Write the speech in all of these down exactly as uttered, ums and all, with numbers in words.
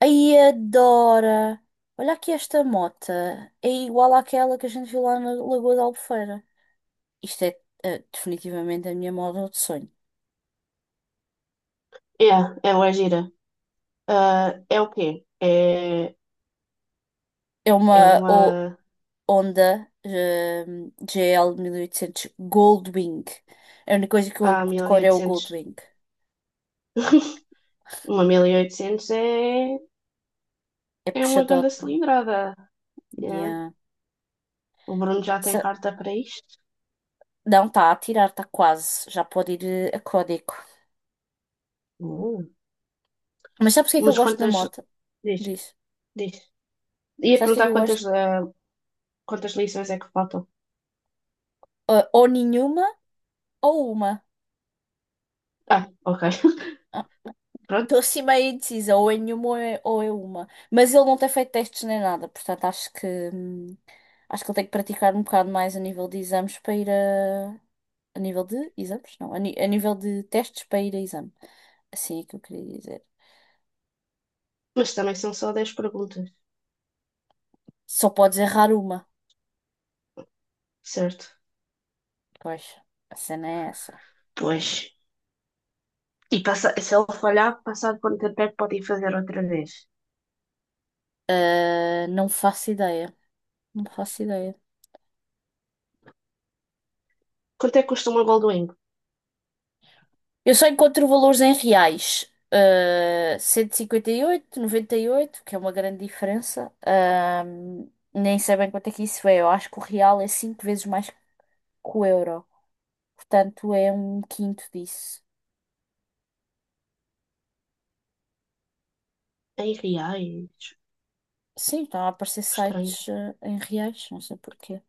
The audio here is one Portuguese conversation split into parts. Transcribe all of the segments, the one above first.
Ai, adora! Olha aqui esta mota. É igual àquela que a gente viu lá na Lagoa da Albufeira. Isto é, eh, definitivamente a minha moto de sonho. Yeah, ela é gira. Ah, é o quê? É, É é uma o- uma Honda eh, G L mil e oitocentos Goldwing. A única coisa que eu a mil e decoro é o oitocentos. Goldwing. Uma mil e oitocentos é, É é uma grande puxadote. cilindrada. Yeah. Yeah. O Bruno já tem Se- carta para isto. Não, está a tirar, está quase. Já pode ir eh, a código. Uh. Mas sabes o que é que Mas eu gosto na quantas. moto? Diz, Diz. diz. Ia Sabes o que é que perguntar eu quantas, gosto? ah, quantas lições é que faltam. Eh, ou nenhuma ou uma. Ah, ok. Pronto. Estou assim meio indecisa, ou é nenhuma ou é, ou é uma. Mas ele não tem feito testes nem nada, portanto acho que hum, acho que ele tem que praticar um bocado mais a nível de exames para ir a. A nível de exames? Não, a, ni- a nível de testes para ir a exame. Assim é que eu queria dizer. Mas também são só dez perguntas, Só podes errar uma. certo? Pois, a cena é essa. Pois. E passa, se ele falhar, passar quanto tempo é que pode ir fazer outra vez? Ah, não faço ideia. Não faço ideia. Quanto é que custa uma Goldwing? Eu só encontro valores em reais. Uh, cento e cinquenta e oito, noventa e oito, que é uma grande diferença. Um, nem sei bem quanto é que isso é. Eu acho que o real é cinco vezes mais que o euro. Portanto, é um quinto disso. Em reais. Sim, estão a aparecer Estranho. sites uh, em reais, não sei porquê.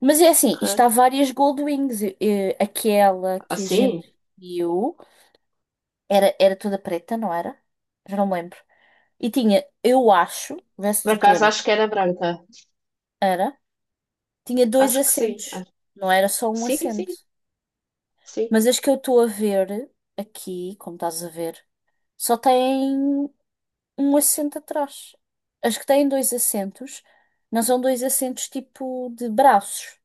Mas é assim, isto há Ok, várias Goldwings. Eh, eh, aquela que a assim sim? gente viu era, era toda preta, não era? Já não me lembro. E tinha, eu acho, vê se Por tu te acaso lembras. acho que era branca. Era Tinha dois Acho que sim. assentos, Acho- não era só um sim, sim, assento. sim. Mas as que eu estou a ver aqui, como estás a ver, só têm um assento atrás. As que têm dois assentos não são dois assentos tipo de braços,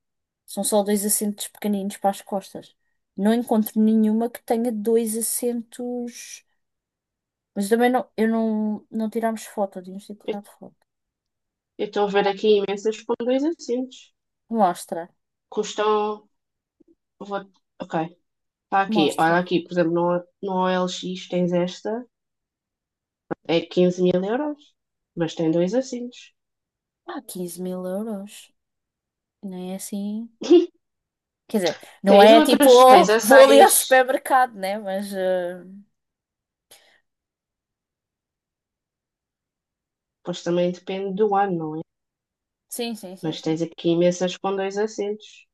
são só dois assentos pequeninos para as costas. Não encontro nenhuma que tenha dois assentos. Mas também não, eu não, não tirámos foto, devíamos ter Eu tirado foto. eu estou a ver aqui imensas com dois assentos. Mostra, Custam. Vou... Ok. Está aqui. Olha mostra. aqui, por exemplo, no, no O L X tens esta. É quinze mil euros. Mas tem dois assentos. Ah, quinze mil euros. Nem é assim. Quer dizer, não Tens é tipo, outras. oh, Tens a vou ali ao seis. supermercado, né? Mas. eh, Pois também depende do ano, não é? Sim, sim, sim, Mas sim. tens aqui imensas com dois assentos.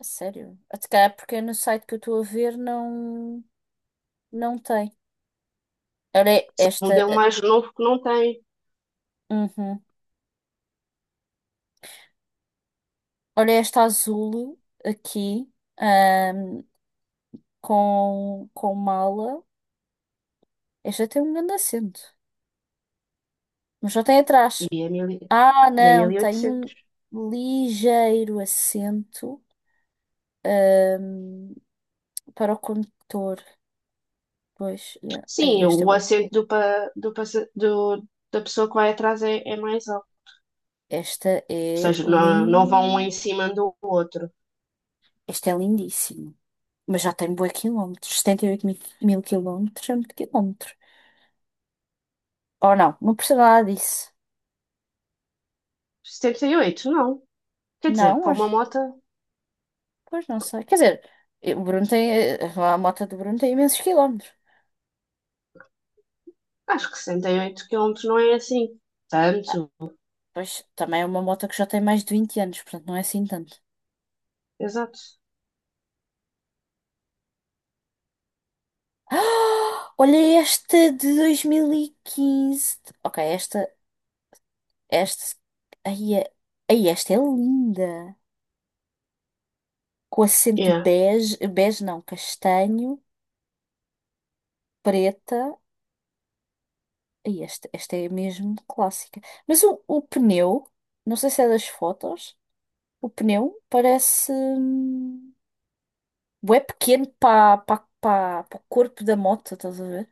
A sério. Até cá, porque no site que eu estou a ver não. Não tem. Olha Um esta. modelo eh, mais novo que não tem. Uhum. Olha esta azul aqui. ahm, com, com mala. Esta tem um grande acento. Mas só tem E atrás. é mil e Ah, e é não. Tem um mil e oitocentos. ligeiro acento. ahm, Para o condutor. Pois. Yeah. Sim, Aí, esta. o acerto do, pa- do, passa- do- da pessoa que vai atrás é, é mais alto. Esta é Ou seja, não, não lin... vão um em cima do outro. Esta é lindíssima. Mas já tem bué quilómetros. setenta e oito mil, mil quilómetros é muito quilómetro. Ou não, não precisa nada disso. setenta e oito, não. Quer dizer, Não, para uma mas... moto, Pois não sei. Quer dizer, eh, o Bruno tem... eh, a moto do Bruno tem imensos quilómetros. acho que sessenta e oito quilômetros não é assim. Ah, Tanto. pois, também é uma moto que já tem mais de vinte anos. Portanto, não é assim tanto. Exato. Ah, olha esta de dois mil e quinze. Ok, esta... Esta... Ai, é- ai, esta é linda. Com acento Yeah. bege, bege não, castanho, preta. E esta, esta é mesmo clássica. Mas o, o pneu, não sei se é das fotos, o pneu parece hum, bué pequeno para para o corpo da moto, estás a ver?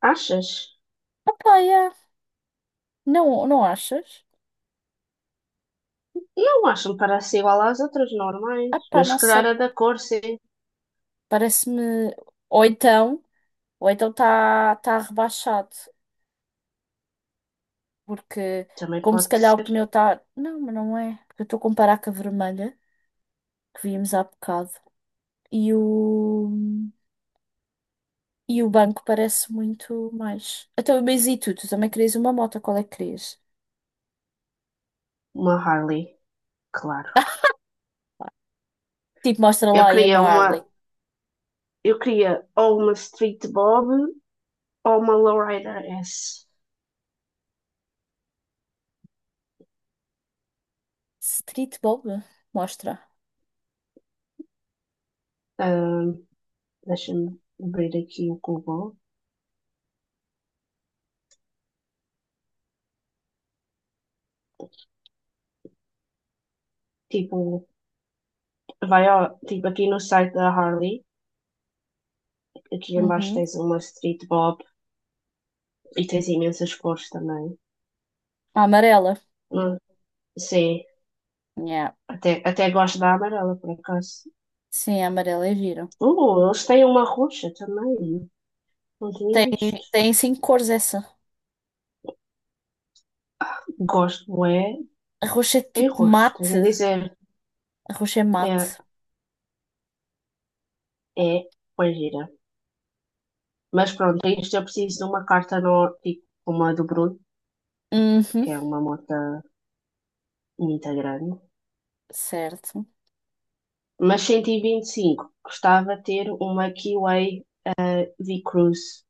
Achas? Ah pá, yeah. Não, não achas? Não, acho que parece igual às outras normais. Ah pá, Mas não se calhar sei, a da cor, sim. parece-me... Ou então, ou então está tá tá rebaixado, porque Também como se pode calhar o ser pneu está... Não, mas não é, porque eu estou a comparar com a vermelha que vimos há bocado. E o, e o banco parece muito mais. Então, mas e tu? Tu também querias uma moto, qual é que querias? uma Harley, claro. Tipo, mostra Eu lá aí queria uma uma, Harley. eu queria ou uma Street Bob ou uma Lowrider S. Street Bob? Mostra. Deixa-me abrir aqui o Google. Tipo, vai ao, tipo aqui no site da Harley, aqui em baixo Uhum. tens uma Street Bob e tens imensas cores também. A amarela. Não- sim, Yeah. até, até gosto da amarela, por acaso. Sim, a amarela é gira. Uh, eles têm uma roxa também. Não tinha Tem, visto. tem cinco cores essa. Gosto é A roxa é em tipo roxo, tenho mate. a dizer. A roxa é mate. É, é, pois gira. Mas pronto, isto eu preciso de uma carta no, tipo, uma do Bruno, Uhum. que é uma moto muito grande. Certo. Mas cento e vinte e cinco, gostava de ter uma Kiwi V Cruise,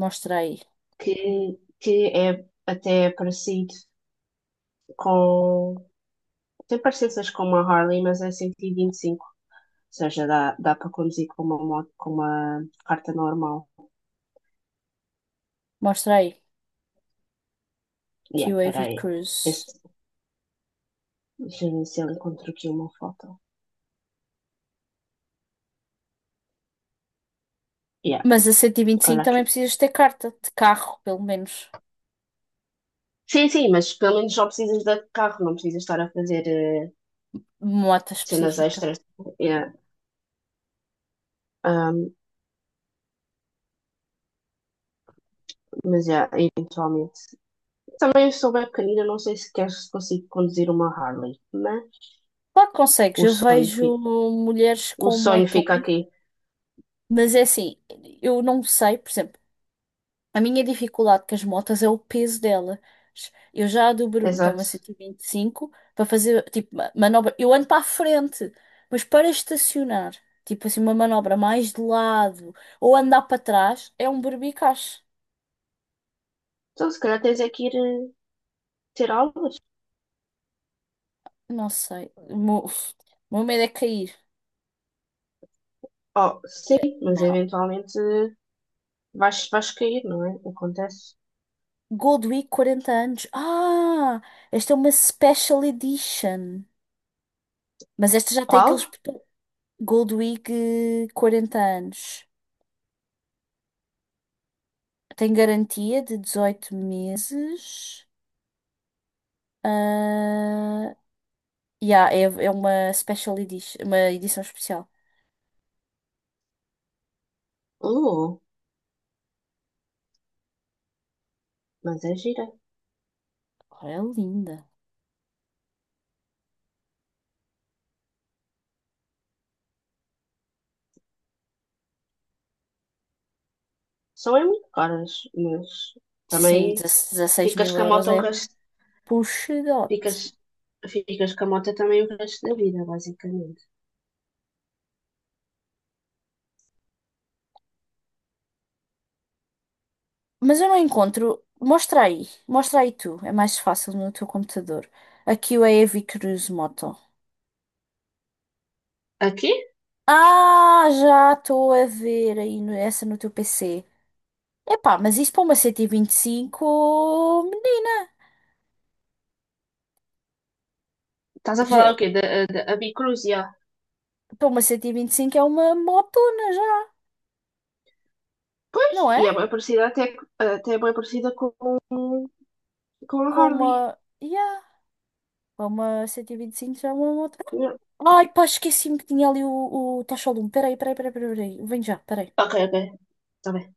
Mostra aí. que, que é até parecido com. Tem parecências com uma Harley, mas é cento e e vinte e cinco. Ou seja, dá, dá para conduzir com uma moto, com uma carta normal. Mostra aí. Yeah, espera Q A V aí. Cruise. Esse- deixa eu ver se ele encontro aqui uma foto. Yeah, Mas a cento e vinte e cinco olha também aqui. precisas ter carta de carro, pelo menos. Sim, sim, mas pelo menos só precisas de carro, não precisas estar a fazer eh, Moto cenas específica. extras. Yeah. Um, mas, yeah, eventualmente. Também sou bem pequenina, não sei se quer se consigo conduzir uma Harley, mas Claro que consegues. o Eu sonho vejo fica, mulheres o com sonho fica motões, aqui. mas é assim, eu não sei, por exemplo, a minha dificuldade com as motas é o peso delas. Eu já a do Bruno, que é uma Exato. cento e vinte e cinco, para fazer, tipo, ma- manobra. Eu ando para a frente, mas para estacionar, tipo assim, uma manobra mais de lado ou andar para trás, é um berbicacho. Então, se calhar tens é que ir eh, ter aulas. Não sei. O meu, o meu medo é cair. Oh, sim, Yeah. mas Não. eventualmente eh, vais, vais cair, não é? Acontece. Gold Week quarenta anos. Ah, esta é uma special edition. Mas esta já tem Qual? aqueles botões. Gold Week eh, quarenta anos. Tem garantia de dezoito meses. Ah, yeah, é, é uma special edition, uma edição especial. Uh, mas é gira. Ora, é linda. São é muito caras, mas Sim, também dezasseis ficas mil com a euros moto o é resto, ficas, puxadote. ficas com a moto também o resto da vida, basicamente. Mas eu não encontro. Mostra aí. Mostra aí tu. É mais fácil no teu computador. Aqui o Heavy Cruise Moto. Aqui? Ah, já estou a ver aí no- essa no teu P C. Epá, mas isso para uma C T vinte e cinco, menina. Estás a falar já- o quê? Da, da, a Bicruz, Para uma C T vinte e cinco é uma motona já, pois, não e é? é bem parecida até, até é bem parecida com, com a Com Harley. uma. Yeah. Para uma C T vinte e cinco já é uma moto. Ok, Ai, pá, esqueci-me que tinha ali o, o tacho de um. Peraí, peraí, peraí, peraí. Peraí. Vem já, peraí. ok, está bem.